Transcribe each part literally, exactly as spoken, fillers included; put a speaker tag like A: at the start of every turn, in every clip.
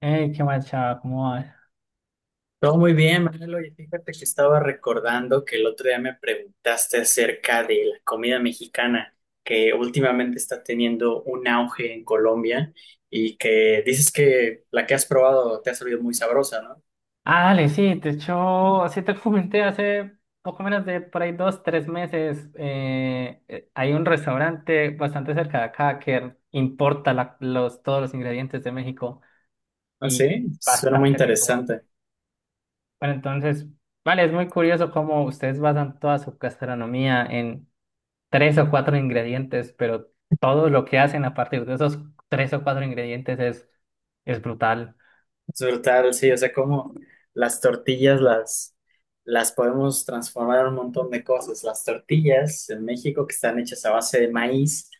A: Hey, qué guacha, ¿cómo vas?
B: Todo muy bien, Manuel. Y fíjate que estaba recordando que el otro día me preguntaste acerca de la comida mexicana, que últimamente está teniendo un auge en Colombia y que dices que la que has probado te ha salido muy sabrosa, ¿no?
A: Ah, dale, sí, de hecho, sí te comenté hace poco menos de por ahí dos, tres meses. Eh, eh, hay un restaurante bastante cerca de acá que importa la- los, todos los ingredientes de México
B: Ah,
A: y
B: sí, suena muy
A: bastante rico.
B: interesante.
A: Bueno, entonces, vale, es muy curioso cómo ustedes basan toda su gastronomía en tres o cuatro ingredientes, pero todo lo que hacen a partir de esos tres o cuatro ingredientes es, es brutal.
B: Es brutal, sí, o sea, como las tortillas las, las podemos transformar en un montón de cosas. Las tortillas en México que están hechas a base de maíz,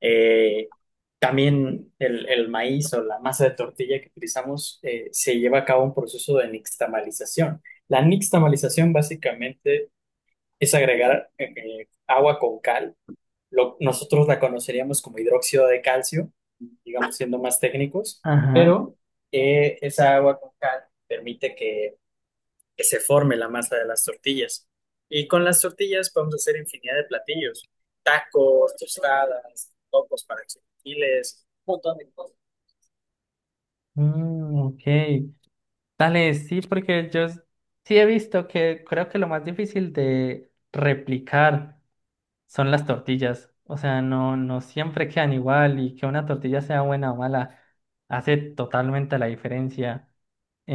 B: eh, también el, el maíz o la masa de tortilla que utilizamos eh, se lleva a cabo un proceso de nixtamalización. La nixtamalización básicamente es agregar eh, eh, agua con cal, lo- nosotros la conoceríamos como hidróxido de calcio, digamos, siendo más técnicos,
A: Ajá,
B: pero eh, esa agua con cal permite que, que se forme la masa de las tortillas. Y con las tortillas podemos hacer infinidad de platillos: tacos, tostadas, tacos para chilaquiles, un montón de cosas.
A: mm, ok. Dale, sí, porque yo s- sí he visto que creo que lo más difícil de replicar son las tortillas. O sea, no, no siempre quedan igual y que una tortilla sea buena o mala hace totalmente la diferencia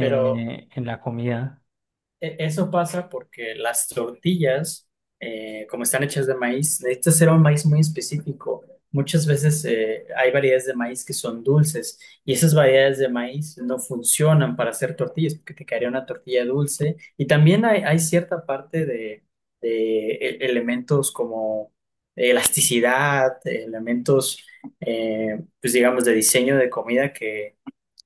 B: Pero
A: en la comida.
B: E- Eso pasa porque las tortillas, eh, como están hechas de maíz, necesitas ser un maíz muy específico. Muchas veces eh, hay variedades de maíz que son dulces y esas variedades de maíz no funcionan para hacer tortillas porque te quedaría una tortilla dulce. Y también hay, hay cierta parte de, de e- elementos como elasticidad, elementos, eh, pues, digamos, de diseño de comida que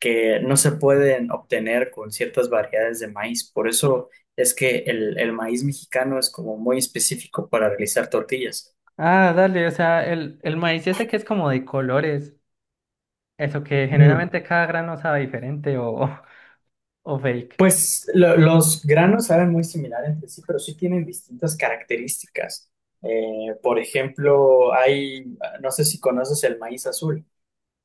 B: que no se pueden obtener con ciertas variedades de maíz. Por eso es que el, el maíz mexicano es como muy específico para realizar tortillas.
A: Ah, dale, o sea, el, el maíz ese que es como de colores, eso que
B: Mm,
A: generalmente cada grano sabe diferente o, o fake.
B: Pues lo- los granos saben muy similar entre sí, pero sí tienen distintas características. Eh, por ejemplo, hay, no sé si conoces el maíz azul.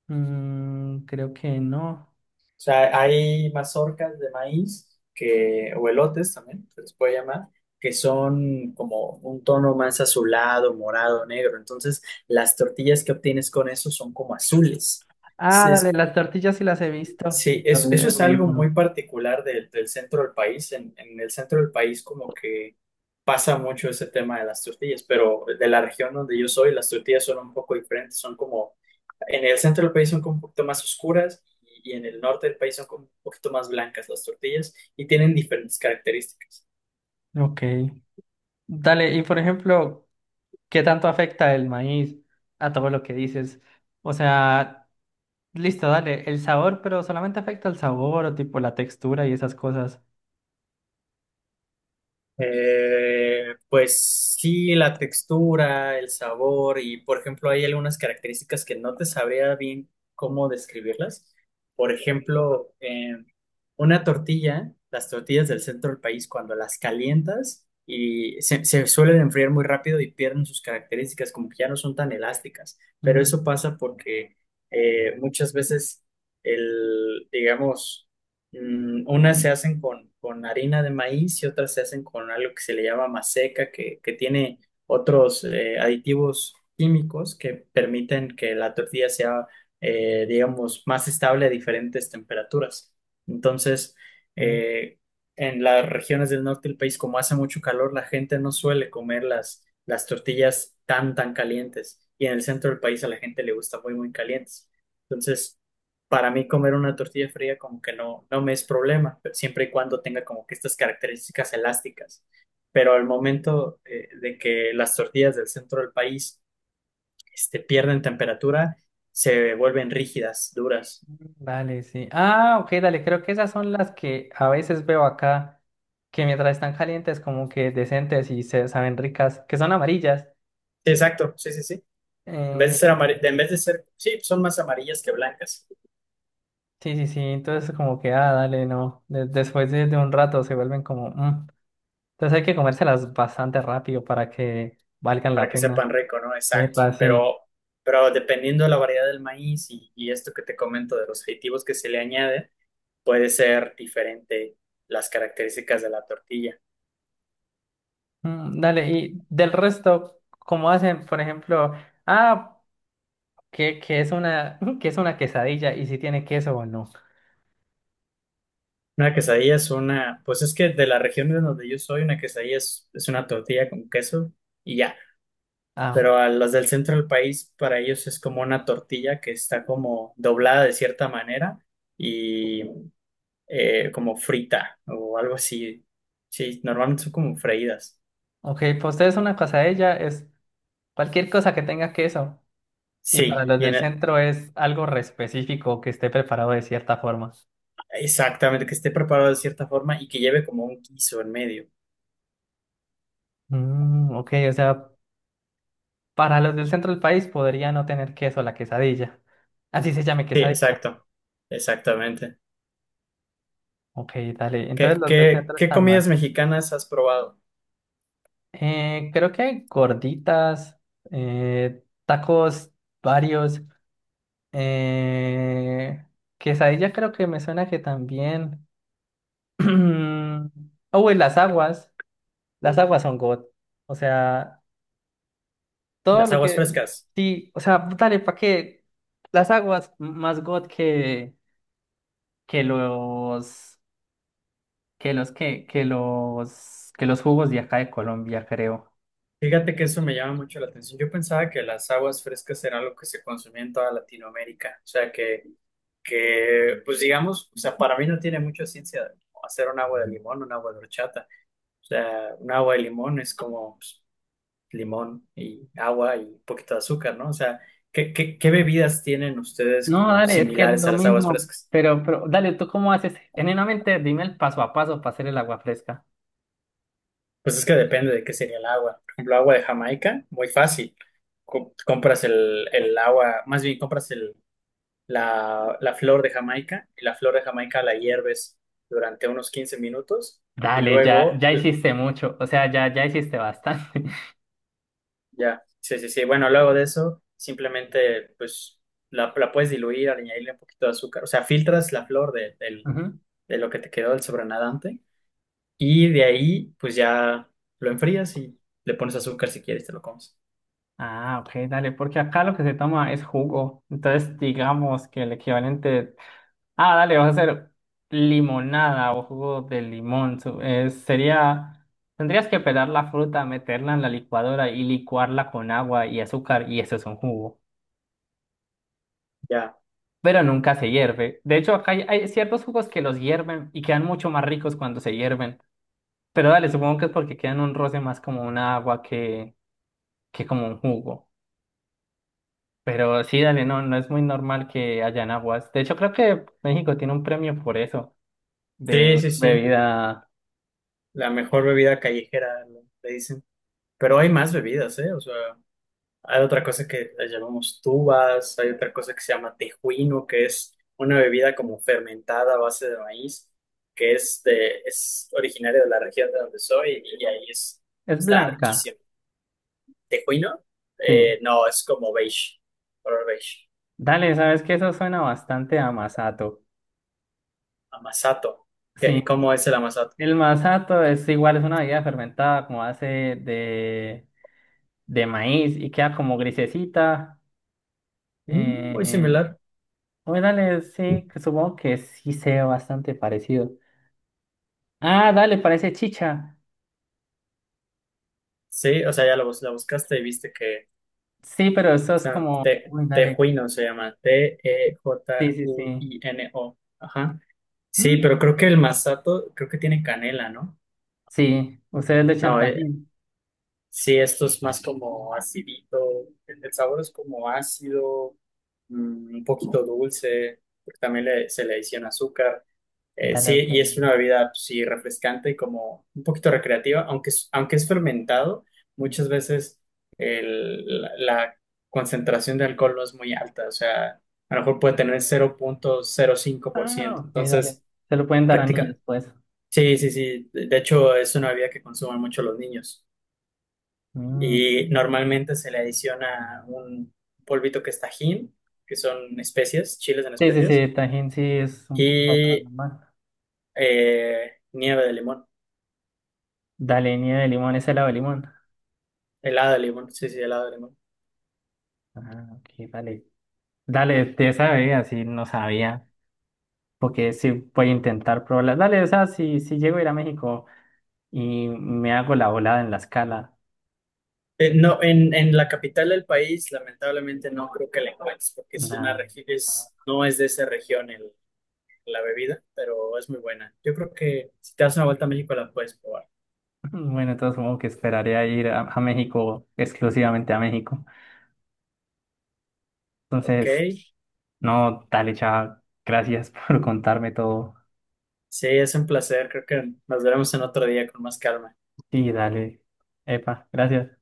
A: Mm, creo que no.
B: O sea, hay mazorcas de maíz que, o elotes también se les puede llamar, que son como un tono más azulado, morado, negro. Entonces, las tortillas que obtienes con eso son como azules.
A: Ah, dale,
B: Es
A: las tortillas sí las he visto,
B: Sí,
A: pero
B: es-
A: el
B: eso
A: el
B: es
A: maíz
B: algo
A: no.
B: muy particular del, del centro del país. En, en el centro del país como que pasa mucho ese tema de las tortillas, pero de la región donde yo soy, las tortillas son un poco diferentes, son como, en el centro del país son como un poquito más oscuras, y, y en el norte del país son como un poquito más blancas las tortillas y tienen diferentes características.
A: Ok. Dale, y por ejemplo, ¿qué tanto afecta el maíz a todo lo que dices? O sea, listo, dale, el sabor, pero solamente afecta el sabor o tipo la textura y esas cosas.
B: Eh, pues sí, la textura, el sabor y, por ejemplo, hay algunas características que no te sabría bien cómo describirlas. Por ejemplo, eh, una tortilla, las tortillas del centro del país, cuando las calientas, y se, se suelen enfriar muy rápido y pierden sus características, como que ya no son tan elásticas. Pero
A: Mm,
B: eso pasa porque eh, muchas veces el, digamos, Mm, unas se hacen con, con harina de maíz y otras se hacen con algo que se le llama maseca, que, que tiene otros eh, aditivos químicos que permiten que la tortilla sea, eh, digamos, más estable a diferentes temperaturas. Entonces,
A: ok.
B: eh, en las regiones del norte del país, como hace mucho calor, la gente no suele comer las, las tortillas tan, tan calientes. Y en el centro del país a la gente le gusta muy, muy calientes. Entonces, para mí comer una tortilla fría como que no, no me es problema, pero siempre y cuando tenga como que estas características elásticas. Pero al momento, eh, de que las tortillas del centro del país este, pierden temperatura, se vuelven rígidas, duras.
A: Dale, sí. Ah, ok, dale, creo que esas son las que a veces veo acá, que mientras están calientes como que decentes y se saben ricas, que son amarillas.
B: Sí, exacto, sí, sí, sí. En vez de
A: Eh,
B: ser amar- en vez de ser, sí, son más amarillas que blancas,
A: sí, sí, sí, entonces como que, ah, dale, no, de- después de, de un rato se vuelven como... mm. Entonces hay que comérselas bastante rápido para que valgan la
B: para que
A: pena.
B: sepan rico, ¿no? Exacto.
A: Epa, sí.
B: Pero, pero dependiendo de la variedad del maíz, y, y esto que te comento de los aditivos que se le añade, puede ser diferente las características de la tortilla.
A: Mm, dale, y del resto, ¿cómo hacen, por ejemplo, ah, que, que es una, que es una quesadilla y si tiene queso o no?
B: Una quesadilla es una, pues es que de la región de donde yo soy, una quesadilla es, es una tortilla con queso y ya.
A: Ah, ok,
B: Pero a las del centro del país, para ellos es como una tortilla que está como doblada de cierta manera y eh, como frita o algo así. Sí, normalmente son como freídas.
A: ok, para ustedes una quesadilla es cualquier cosa que tenga queso. Y
B: Sí,
A: para los
B: y en
A: del
B: el-
A: centro es algo re específico que esté preparado de cierta forma.
B: exactamente, que esté preparado de cierta forma y que lleve como un guiso en medio.
A: Mm, ok, o sea, para los del centro del país podría no tener queso la quesadilla. Así se llame
B: Sí,
A: quesadilla.
B: exacto, exactamente.
A: Ok, dale. Entonces
B: ¿Qué,
A: los del
B: qué,
A: centro
B: qué
A: están mal.
B: comidas mexicanas has probado?
A: Eh, creo que hay gorditas, eh, tacos varios, eh, quesadilla creo que me suena que también. Oh, y las aguas. Las aguas son God. O sea, todo
B: Las
A: lo
B: aguas
A: que...
B: frescas.
A: Sí, o sea, dale, ¿para qué? Las aguas más God que, que los... que los que, que los... que los jugos de acá de Colombia, creo.
B: Fíjate que eso me llama mucho la atención. Yo pensaba que las aguas frescas era algo que se consumía en toda Latinoamérica. O sea, que, que, pues, digamos, o sea, para mí no tiene mucha ciencia hacer un agua de limón, un agua de horchata. O sea, un agua de limón es como, pues, limón y agua y un poquito de azúcar, ¿no? O sea, ¿qué, qué, qué bebidas tienen ustedes
A: No,
B: como
A: dale, es que es
B: similares
A: lo
B: a las aguas
A: mismo,
B: frescas?
A: pero, pero dale, ¿tú cómo haces? Genuinamente, dime el paso a paso para hacer el agua fresca.
B: Pues es que depende de qué sería el agua. Por ejemplo, agua de Jamaica, muy fácil. Co- compras el, el agua, más bien compras el, la, la flor de Jamaica, y la flor de Jamaica la hierves durante unos quince minutos y
A: Dale, ya,
B: luego,
A: ya
B: eh,
A: hiciste mucho, o sea, ya, ya hiciste bastante.
B: ya, sí, sí, sí. Bueno, luego de eso, simplemente pues la, la puedes diluir, añadirle un poquito de azúcar. O sea, filtras la flor de, del-
A: Ujú.
B: de lo que te quedó del sobrenadante y de ahí pues ya lo enfrías y le pones azúcar si quieres, te lo comes.
A: Ah, ok, dale, porque acá lo que se toma es jugo, entonces digamos que el equivalente, ah, dale, vas a hacer limonada o jugo de limón, su- eh, sería, tendrías que pelar la fruta, meterla en la licuadora y licuarla con agua y azúcar y eso es un jugo.
B: Ya.
A: Pero nunca se hierve. De hecho, acá hay, hay ciertos jugos que los hierven y quedan mucho más ricos cuando se hierven. Pero dale, supongo que es porque quedan un roce más como un agua que, que como un jugo. Pero sí, dale, no, no es muy normal que hayan aguas. De hecho, creo que México tiene un premio por eso, de
B: Sí, sí, sí.
A: bebida.
B: La mejor bebida callejera, le le dicen. Pero hay más bebidas, ¿eh? O sea, hay otra cosa que la llamamos tubas, hay otra cosa que se llama tejuino, que es una bebida como fermentada a base de maíz, que es, de, es originaria de la región de donde soy, y ahí es,
A: Es
B: está
A: blanca,
B: riquísimo. ¿Tejuino?
A: sí.
B: Eh, no, es como beige, color beige.
A: Dale, sabes que eso suena bastante a masato.
B: Amasato. ¿Qué-
A: Sí,
B: ¿Cómo es el amasato?
A: el masato es igual, es una bebida fermentada como hace de, de maíz y queda como grisecita.
B: Mm, muy
A: Eh,
B: similar.
A: Oye, dale, sí, que supongo que sí sea bastante parecido. Ah, dale, parece chicha.
B: Sí, o sea, ya lo, bus- la buscaste y viste que
A: Sí, pero eso es
B: sea,
A: como,
B: te,
A: uy, dale,
B: Tejuino se llama,
A: sí, sí, sí.
B: T E J U I N O. Ajá. Sí,
A: Mm,
B: pero creo que el masato, creo que tiene canela, ¿no?
A: sí, ustedes le echan
B: No, eh,
A: tajín.
B: sí, esto es más como acidito, el, el sabor es como ácido, mm, un poquito dulce, porque también le- se le adiciona azúcar. Eh,
A: Dale,
B: sí,
A: ok.
B: y es una bebida, pues, sí, refrescante y como un poquito recreativa, aunque es, aunque es fermentado, muchas veces el- la, la concentración de alcohol no es muy alta, o sea, a lo mejor puede tener cero cero punto cero cinco por
A: Ah,
B: ciento,
A: ok, dale.
B: entonces,
A: Se lo pueden dar a niños,
B: práctica.
A: pues.
B: Sí, sí, sí, de de hecho es una bebida que consumen mucho los niños,
A: Mm,
B: y normalmente se le adiciona un polvito que es Tajín, que son especias, chiles en
A: sí, sí,
B: especias,
A: sí, tajín sí es un poco más
B: y
A: normal.
B: eh, nieve de limón.
A: Dale, nieve de limón, es helado de limón.
B: Helado de limón, sí, sí, helado de limón.
A: Ah, ok, dale. Dale, te sabía, sí, no sabía. Porque sí voy a intentar probarla. Dale, o sea, si, si llego a ir a México. Y me hago la volada en la escala.
B: Eh, no, en, en la capital del país, lamentablemente no creo que la encuentres, porque es una
A: Nada.
B: regi- es, no es de esa región el- la bebida, pero es muy buena. Yo creo que si te das una vuelta a México la puedes probar,
A: Bueno, entonces supongo que esperaré a ir a, a México, exclusivamente a México.
B: ¿ok?
A: Entonces, no, dale, chava, gracias por contarme todo.
B: Sí, es un placer, creo que nos veremos en otro día con más calma.
A: Sí, dale. Epa, gracias.